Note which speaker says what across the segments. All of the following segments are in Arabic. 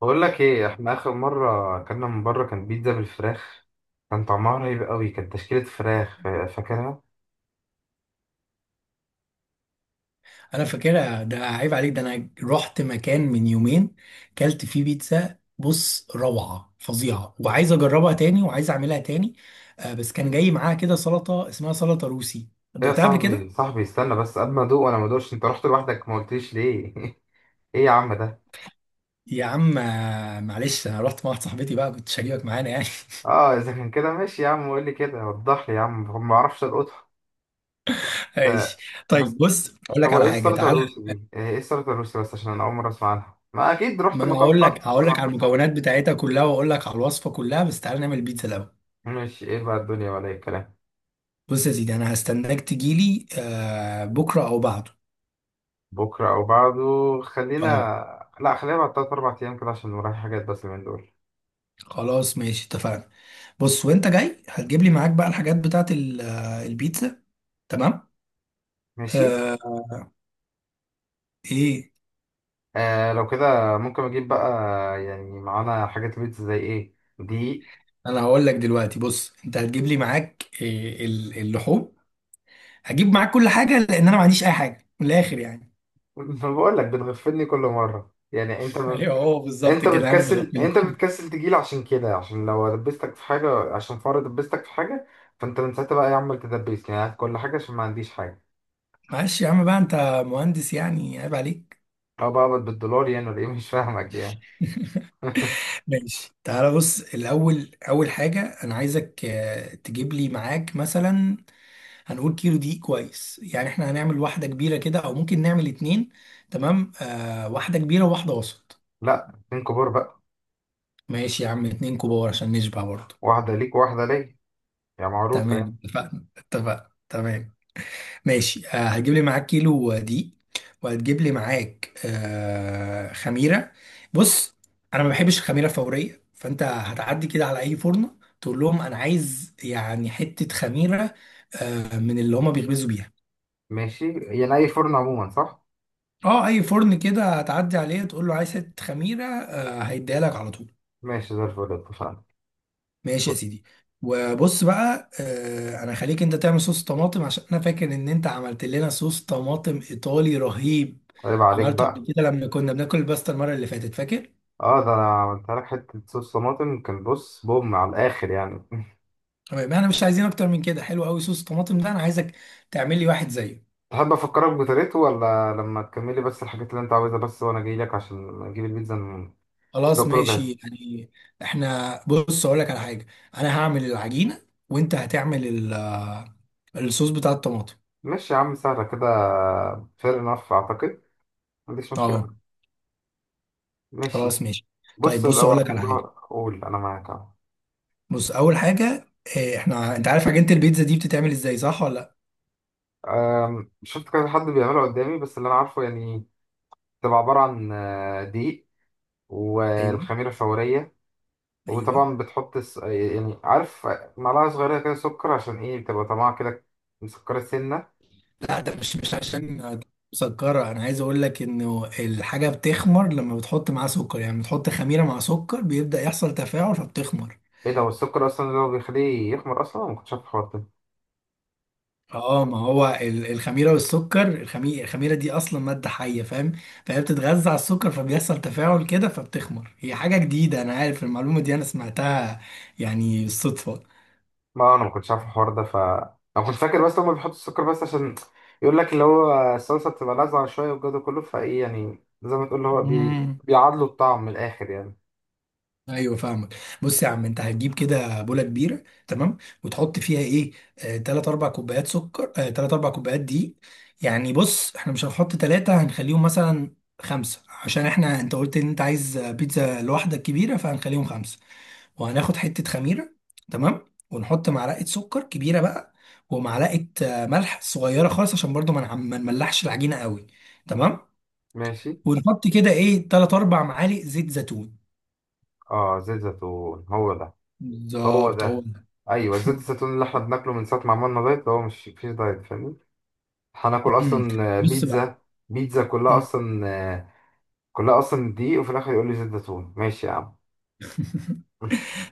Speaker 1: بقول لك ايه، احنا اخر مره اكلنا من بره كان بيتزا بالفراخ. كان طعمها رهيب قوي، كانت تشكيله فراخ، فاكرها.
Speaker 2: انا فاكرها، ده عيب عليك. ده انا رحت مكان من يومين كلت فيه بيتزا، بص، روعة فظيعة، وعايز اجربها تاني وعايز اعملها تاني. بس كان جاي معاها كده سلطة اسمها سلطة روسي.
Speaker 1: ايه يا
Speaker 2: دقتها قبل
Speaker 1: صاحبي
Speaker 2: كده؟
Speaker 1: صاحبي استنى بس قبل ما ادوق، وانا ما ادوقش، انت رحت لوحدك ما قلتليش ليه؟ ايه يا عم ده.
Speaker 2: يا عم معلش، انا رحت مع واحده صاحبتي بقى، كنت شاريك معانا يعني.
Speaker 1: اه اذا كان كده ماشي يا عم، قول لي كده وضح لي يا عم، ما اعرفش القطها. ف...
Speaker 2: ماشي.
Speaker 1: بس
Speaker 2: طيب بص اقول لك
Speaker 1: هو
Speaker 2: على
Speaker 1: ايه
Speaker 2: حاجه،
Speaker 1: السلطه
Speaker 2: تعالى.
Speaker 1: الروسي دي؟ ايه السلطه الروسي، بس عشان انا اول مره اسمع عنها، ما اكيد رحت
Speaker 2: ما انا
Speaker 1: مكان
Speaker 2: هقول
Speaker 1: فخم
Speaker 2: لك هقول
Speaker 1: عشان
Speaker 2: لك على
Speaker 1: واحده صاحبتي.
Speaker 2: المكونات بتاعتها كلها، واقول لك على الوصفه كلها، بس تعالى نعمل بيتزا الاول.
Speaker 1: ماشي، ايه بقى الدنيا ولا ايه الكلام؟
Speaker 2: بص يا سيدي، انا هستناك تجيلي بكره او بعده.
Speaker 1: بكرة أو بعده. خلينا،
Speaker 2: اه،
Speaker 1: لا خلينا بعد تلات أربع أيام كده عشان ورايا حاجات، بس من دول
Speaker 2: خلاص ماشي اتفقنا. بص وانت جاي هتجيب لي معاك بقى الحاجات بتاعت البيتزا. تمام.
Speaker 1: ماشي.
Speaker 2: آه. ايه؟
Speaker 1: آه لو كده ممكن أجيب بقى، يعني معانا حاجات بيتزا زي إيه دي؟
Speaker 2: انا هقول لك دلوقتي، بص انت هتجيب لي معاك إيه، اللحوم. هجيب معاك كل حاجه، لان انا ما عنديش اي حاجه من الاخر يعني.
Speaker 1: بقول لك بتغفلني كل مرة، يعني
Speaker 2: ايوه، هو بالظبط
Speaker 1: أنت
Speaker 2: كده، انا
Speaker 1: بتكسل،
Speaker 2: بغفلك.
Speaker 1: أنت بتكسل تجيلي عشان كده، عشان لو دبستك في حاجة عشان فار دبستك في حاجة، فأنت من ساعتها بقى يا عم تدبسني، يعني هات كل حاجة عشان ما عنديش حاجة،
Speaker 2: معلش يا عم، بقى انت مهندس يعني، عيب عليك.
Speaker 1: أو بقى بالدولار يعني، ولا إيه؟ مش فاهمك يعني.
Speaker 2: ماشي، تعالى بص، الاول اول حاجه انا عايزك تجيب لي معاك مثلا، هنقول كيلو دقيق كويس، يعني احنا هنعمل واحدة كبيرة كده او ممكن نعمل اتنين. تمام، آه، واحدة كبيرة وواحدة وسط.
Speaker 1: لا اتنين كبار بقى،
Speaker 2: ماشي يا عم، اتنين كبار عشان نشبع برضه.
Speaker 1: واحدة ليك وواحدة ليا، يا معروفة يعني.
Speaker 2: تمام، اتفقنا اتفقنا، تمام. ماشي آه، هتجيب لي معاك كيلو دقيق، وهتجيب لي معاك خميرة. بص، انا ما بحبش الخميرة فورية، فانت هتعدي كده على اي فرن تقول لهم انا عايز يعني حتة خميرة، من اللي هما بيخبزوا بيها.
Speaker 1: ماشي يعني أي فرن عموما، صح؟
Speaker 2: اه، اي فرن كده هتعدي عليه تقول له عايز حته خميره، هيديها لك على طول.
Speaker 1: ماشي زي الفل، اتفقنا.
Speaker 2: ماشي يا سيدي. وبص بقى، انا خليك انت تعمل صوص طماطم، عشان انا فاكر ان انت عملت لنا صوص طماطم ايطالي رهيب.
Speaker 1: طيب عليك
Speaker 2: عملته قبل
Speaker 1: بقى.
Speaker 2: كده لما كنا بناكل الباستا المره اللي فاتت، فاكر؟
Speaker 1: اه ده أنا عملتها لك حتة صوص طماطم كان بص بوم على الآخر يعني.
Speaker 2: تمام، احنا مش عايزين اكتر من كده، حلو قوي صوص الطماطم ده، انا عايزك تعمل لي واحد زيه.
Speaker 1: تحب أفكرك بطريقته، ولا لما تكملي بس الحاجات اللي أنت عاوزها بس وأنا جاي لك عشان أجيب البيتزا ده
Speaker 2: خلاص
Speaker 1: كله
Speaker 2: ماشي
Speaker 1: جاهز.
Speaker 2: يعني. احنا بص اقول لك على حاجه. انا هعمل العجينه، وانت هتعمل الصوص بتاع الطماطم.
Speaker 1: ماشي يا عم سهلة كده. فير انف أعتقد ما عنديش مشكلة.
Speaker 2: اه،
Speaker 1: ماشي.
Speaker 2: خلاص ماشي. طيب
Speaker 1: بص
Speaker 2: بص
Speaker 1: لو
Speaker 2: اقول
Speaker 1: على
Speaker 2: لك على
Speaker 1: الموضوع،
Speaker 2: حاجه.
Speaker 1: قول أنا معاك أهو.
Speaker 2: بص اول حاجه، احنا انت عارف عجينه البيتزا دي بتتعمل ازاي، صح ولا لا؟
Speaker 1: شفت كذا حد بيعمله قدامي بس اللي أنا عارفه يعني، تبقى عبارة عن دقيق،
Speaker 2: ايوه،
Speaker 1: والخميرة الفورية،
Speaker 2: ايوه.
Speaker 1: وطبعا بتحط يعني عارف، معلقة صغيرة كده سكر عشان ايه بتبقى طعمها كده مسكرة سنة.
Speaker 2: لا، ده مش عشان مسكره، انا عايز اقول لك انه الحاجه بتخمر لما بتحط معاها سكر، يعني بتحط خميره مع سكر بيبدا يحصل تفاعل فبتخمر.
Speaker 1: ايه ده، هو السكر اصلا اللي هو بيخليه يخمر اصلا؟ أنا ما كنتش عارف الحوار ده.
Speaker 2: اه، ما هو الخميره والسكر، الخميره دي اصلا ماده حيه، فاهم؟ فهي بتتغذى على السكر، فبيحصل تفاعل كده فبتخمر. هي حاجه جديده، انا عارف المعلومه دي، انا سمعتها يعني بالصدفه.
Speaker 1: ما انا ما كنتش عارف الحوار ده، ف انا كنت فاكر بس هما بيحطوا السكر بس عشان يقول لك اللي هو الصلصة بتبقى لاذعة شوية والجو ده كله، فايه يعني زي ما تقول اللي هو
Speaker 2: مم.
Speaker 1: بيعادلوا الطعم من الاخر يعني.
Speaker 2: ايوه فاهمك. بص يا عم، انت هتجيب كده بوله كبيره، تمام، وتحط فيها ايه، تلات اربع كوبايات سكر، تلات اربع كوبايات دقيق. يعني بص، احنا مش هنحط تلاتة، هنخليهم مثلا خمسة، عشان احنا انت قلت ان انت عايز بيتزا لوحدك كبيره، فهنخليهم خمسة. وهناخد حته خميره، تمام. ونحط معلقه سكر كبيره بقى، ومعلقه ملح صغيره خالص عشان برضو ما نملحش العجينه قوي. تمام.
Speaker 1: ماشي.
Speaker 2: ونحط كده ايه، تلات اربع معالق زيت زيتون.
Speaker 1: اه زيت زيتون هو ده. هو
Speaker 2: بالظبط هو
Speaker 1: ده،
Speaker 2: ده.
Speaker 1: ايوه زيت الزيتون اللي احنا بناكله من ساعة ما عملنا دايت، هو مش فيش دايت فاهمني؟ هناكل
Speaker 2: امم.
Speaker 1: اصلا
Speaker 2: بص بقى.
Speaker 1: بيتزا، بيتزا كلها
Speaker 2: مم.
Speaker 1: اصلا كلها اصلا دقيق، وفي الاخر يقول لي زيت زيتون، ماشي يا عم.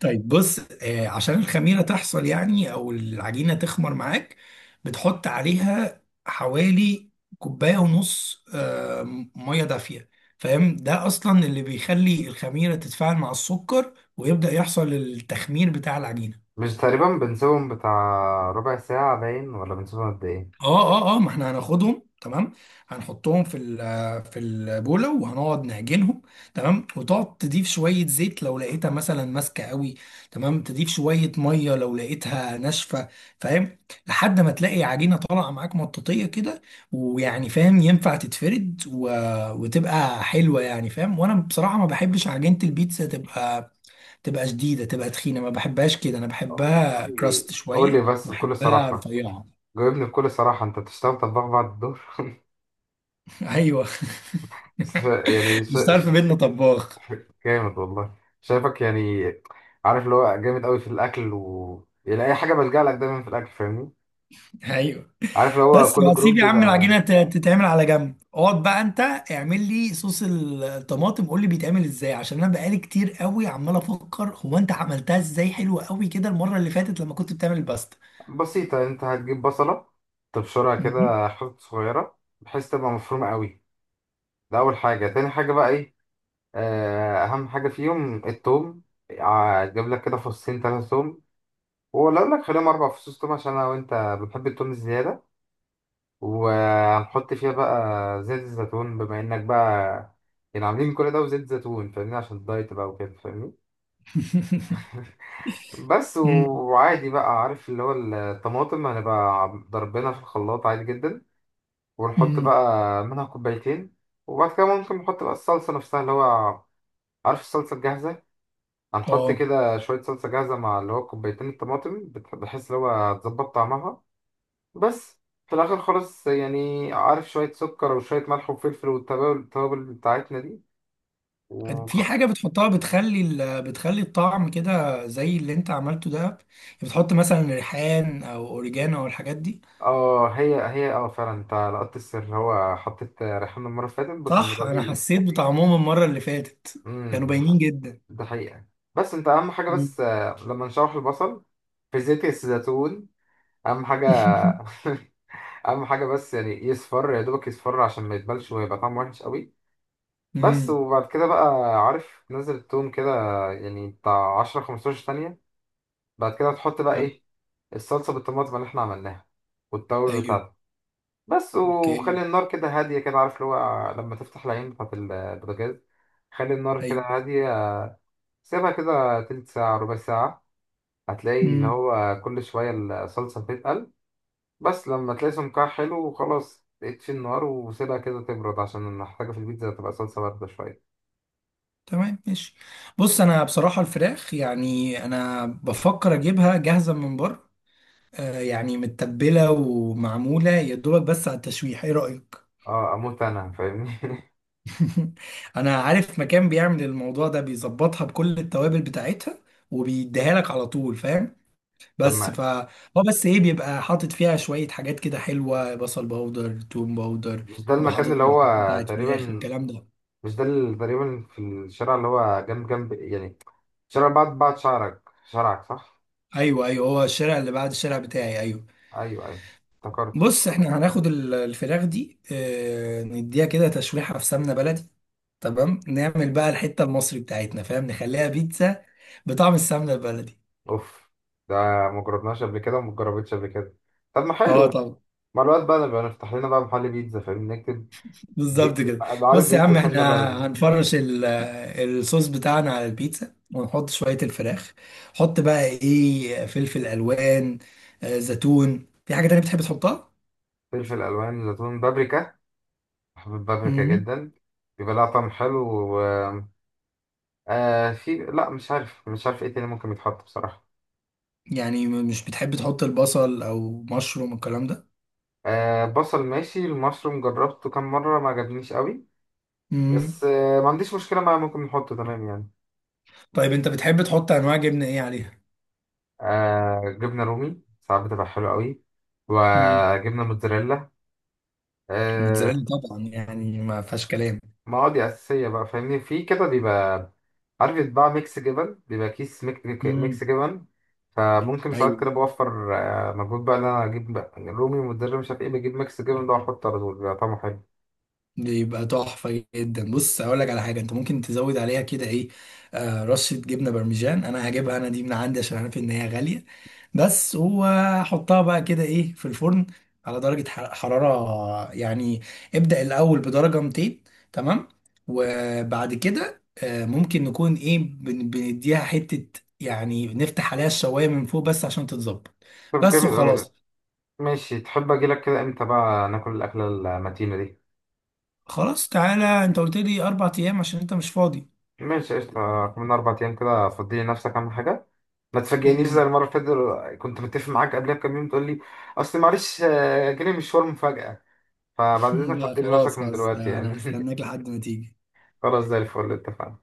Speaker 2: طيب بص عشان الخميرة تحصل يعني، او العجينة تخمر معاك، بتحط عليها حوالي كوباية ونص، مية دافية. فاهم؟ ده اصلا اللي بيخلي الخميرة تتفاعل مع السكر، ويبدأ يحصل التخمير بتاع العجينة.
Speaker 1: مش تقريبا بنسيبهم بتاع ربع ساعة باين، ولا بنسيبهم قد ايه؟
Speaker 2: اه اه اه، ما احنا هناخدهم، تمام. هنحطهم في البوله، وهنقعد نعجنهم. تمام، وتقعد تضيف شويه زيت لو لقيتها مثلا ماسكه قوي. تمام، تضيف شويه ميه لو لقيتها ناشفه، فاهم؟ لحد ما تلاقي عجينه طالعه معاك مطاطيه كده، ويعني فاهم، ينفع تتفرد وتبقى حلوه يعني، فاهم؟ وانا بصراحه ما بحبش عجينه البيتزا تبقى، شديده، تبقى تخينه. ما بحبهاش كده، انا
Speaker 1: قول
Speaker 2: بحبها
Speaker 1: لي
Speaker 2: كراست
Speaker 1: قول لي
Speaker 2: شويه،
Speaker 1: بس بكل
Speaker 2: بحبها
Speaker 1: صراحة،
Speaker 2: رفيعه.
Speaker 1: جاوبني بكل صراحة، انت بتشتغل طباخ بعد الدور؟
Speaker 2: ايوه.
Speaker 1: ش- يعني ش...
Speaker 2: مش تعرف
Speaker 1: ش...
Speaker 2: بينا طباخ.
Speaker 1: جامد والله. شايفك يعني، عارف اللي هو جامد قوي في الاكل، و يعني اي حاجة بلجأ لك دايما في الاكل فاهمني،
Speaker 2: ايوه.
Speaker 1: عارف اللي هو
Speaker 2: بس
Speaker 1: كل
Speaker 2: هسيب
Speaker 1: جروب
Speaker 2: يا عم
Speaker 1: بيبقى.
Speaker 2: العجينه تتعمل على جنب، اقعد بقى انت اعمل لي صوص الطماطم، قول لي بيتعمل ازاي، عشان انا بقالي كتير قوي عمال افكر هو انت عملتها ازاي حلوه قوي كده المره اللي فاتت لما كنت بتعمل الباستا.
Speaker 1: بسيطة، انت هتجيب بصلة تبشرها
Speaker 2: مهم.
Speaker 1: كده حتت صغيرة بحيث تبقى مفرومة قوي. ده أول حاجة. تاني حاجة بقى ايه، آه، أهم حاجة فيهم التوم. هتجيب لك كده فصين تلاتة توم، ولا أقول لك خليهم أربع فصوص توم عشان أنا وأنت بنحب التوم الزيادة. وهنحط فيها بقى زيت الزيتون، بما إنك بقى يعني عاملين كل ده وزيت زيتون فاهمني، عشان الدايت بقى وكده فاهمني.
Speaker 2: مم.
Speaker 1: وعادي بقى عارف، اللي هو الطماطم هنبقى ضربنا في الخلاط عادي جدا، ونحط
Speaker 2: مم.
Speaker 1: بقى منها كوبايتين. وبعد كده ممكن نحط بقى الصلصة نفسها، اللي هو عارف الصلصة الجاهزة، هنحط
Speaker 2: اه،
Speaker 1: كده شوية صلصة جاهزة مع اللي هو كوبايتين الطماطم بحيث اللي هو هتظبط طعمها. بس في الآخر خالص يعني عارف، شوية سكر وشوية ملح وفلفل، والتوابل بتاعتنا دي وخ...
Speaker 2: في حاجه بتحطها بتخلي الطعم كده زي اللي انت عملته ده يعني، بتحط مثلا ريحان او اوريجانو او الحاجات دي.
Speaker 1: اه هي هي، اه فعلا انت لقطت السر، هو حطيت ريحان المرة اللي فاتت، بس
Speaker 2: صح،
Speaker 1: المرة
Speaker 2: انا
Speaker 1: دي.
Speaker 2: حسيت بطعمهم المره اللي فاتت، كانوا
Speaker 1: امم،
Speaker 2: باينين جدا.
Speaker 1: ده حقيقة. بس انت أهم حاجة
Speaker 2: مم.
Speaker 1: بس آه، لما نشوح البصل في زيت الزيتون. اهم حاجه. اهم حاجه بس يعني يصفر، يا دوبك يصفر عشان ما يتبلش ويبقى طعمه وحش قوي. بس،
Speaker 2: امم.
Speaker 1: وبعد كده بقى عارف، تنزل التوم كده يعني بتاع 10 15 ثانيه. بعد كده تحط بقى
Speaker 2: لا.
Speaker 1: ايه، الصلصه بالطماطم اللي احنا عملناها والتوابل
Speaker 2: ايوه.
Speaker 1: بتاعتها. بس،
Speaker 2: اوكي.
Speaker 1: وخلي النار كده هاديه، كده عارف اللي هو لما تفتح العين بتاعت البوتاجاز، خلي النار كده
Speaker 2: ايوه.
Speaker 1: هاديه. سيبها كده تلت ساعه ربع ساعه، هتلاقي اللي
Speaker 2: امم.
Speaker 1: هو كل شويه الصلصه بتتقل. بس لما تلاقي سمكها حلو وخلاص، اطفي النار وسيبها كده تبرد، عشان انا محتاجة في البيتزا تبقى صلصة باردة شوية.
Speaker 2: تمام ماشي. بص انا بصراحه الفراخ، يعني انا بفكر اجيبها جاهزه من بره، آه يعني متبله ومعموله يا دوبك بس على التشويح، ايه رايك؟
Speaker 1: اه اموت انا فاهمني.
Speaker 2: انا عارف مكان بيعمل الموضوع ده، بيظبطها بكل التوابل بتاعتها، وبيديها لك على طول، فاهم؟
Speaker 1: طب
Speaker 2: بس
Speaker 1: ما
Speaker 2: ف هو بس ايه، بيبقى حاطط فيها شوية حاجات كده حلوة، بصل باودر، توم باودر.
Speaker 1: مش ده
Speaker 2: بيبقى
Speaker 1: المكان
Speaker 2: حاطط
Speaker 1: اللي هو
Speaker 2: بهارات بتاعت فراخ،
Speaker 1: تقريبا؟
Speaker 2: الكلام ده.
Speaker 1: مش ده اللي تقريبا في الشارع اللي هو جنب يعني، شارع بعد شعرك، شارعك، صح؟
Speaker 2: ايوه ايوه، هو الشارع اللي بعد الشارع بتاعي، ايوه.
Speaker 1: ايوه ايوه، افتكرته.
Speaker 2: بص، احنا هناخد الفراخ دي، اه نديها كده تشويحة في سمنة بلدي. تمام، نعمل بقى الحتة المصري بتاعتنا، فاهم، نخليها بيتزا بطعم السمنة البلدي.
Speaker 1: اوف، ده مجربناش قبل كده، ومجربتش قبل كده. طب ما
Speaker 2: اه
Speaker 1: حلو،
Speaker 2: طبعا.
Speaker 1: مع الوقت بقى نبقى نفتح لنا بقى محل بيتزا فاهمني، نكتب
Speaker 2: بالظبط كده.
Speaker 1: عارف،
Speaker 2: بص يا
Speaker 1: بيتزا
Speaker 2: عم احنا
Speaker 1: سمنة بلدي.
Speaker 2: هنفرش الصوص بتاعنا على البيتزا، ونحط شوية الفراخ. حط بقى ايه، فلفل الوان، زيتون، في حاجة تانية بتحب تحطها؟
Speaker 1: فلفل الوان، زيتون، بابريكا، حبوب بابريكا
Speaker 2: امم.
Speaker 1: جدا، بيبقى لها طعم حلو. و... آه في، لا مش عارف ايه تاني ممكن يتحط بصراحة.
Speaker 2: يعني مش بتحب تحط البصل او مشروم الكلام ده؟
Speaker 1: آه بصل ماشي، المشروم جربته كام مرة ما عجبنيش قوي،
Speaker 2: امم.
Speaker 1: بس آه ما عنديش مشكلة معاه، ممكن نحطه تمام يعني.
Speaker 2: طيب انت بتحب تحط انواع جبنة ايه عليها؟
Speaker 1: آه جبنة رومي ساعات بتبقى حلوة قوي،
Speaker 2: امم.
Speaker 1: وجبنة موتزاريلا، آه.
Speaker 2: موتزاريلا طبعا، يعني ما فيهاش كلام.
Speaker 1: ما هو دي أساسية بقى فاهمني، في كده بيبقى عارف يتباع ميكس جبن، بيبقى كيس
Speaker 2: امم.
Speaker 1: ميكس جبن، فممكن ساعات كده بوفر آه، مجهود بقى إن أنا أجيب بقى رومي ومدرب مش عارف إيه، بجيب ميكس جبن ده وأحطه على طول بيبقى طعمه حلو.
Speaker 2: بيبقى تحفة جدا. بص هقول لك على حاجة انت ممكن تزود عليها كده، ايه، آه رشة جبنة برمجان، انا هجيبها انا دي من عندي عشان عارف ان هي غالية. بس وحطها بقى كده ايه في الفرن، على درجة حرارة يعني، ابدأ الاول بدرجة 200. تمام. وبعد كده آه، ممكن نكون ايه، بنديها حتة يعني، نفتح عليها الشواية من فوق بس عشان تتظبط.
Speaker 1: طب
Speaker 2: بس
Speaker 1: جامد أوي.
Speaker 2: وخلاص.
Speaker 1: ماشي، تحب أجيلك كده إمتى بقى ناكل الأكلة المتينة دي؟
Speaker 2: خلاص تعالى انت قلت لي 4 ايام عشان انت مش فاضي.
Speaker 1: ماشي قشطة، كمان أربع أيام كده، فضي لنفسك أهم حاجة. ما تفاجئنيش زي المرة اللي فاتت، كنت متفق معاك قبلها بكام يوم تقول لي أصل معلش آه، جالي مشوار مفاجأة. فبعد إذنك
Speaker 2: لا
Speaker 1: فضي
Speaker 2: خلاص
Speaker 1: لنفسك من
Speaker 2: خلاص،
Speaker 1: دلوقتي
Speaker 2: ده انا
Speaker 1: يعني.
Speaker 2: هستناك لحد ما تيجي.
Speaker 1: خلاص زي الفل، اتفقنا.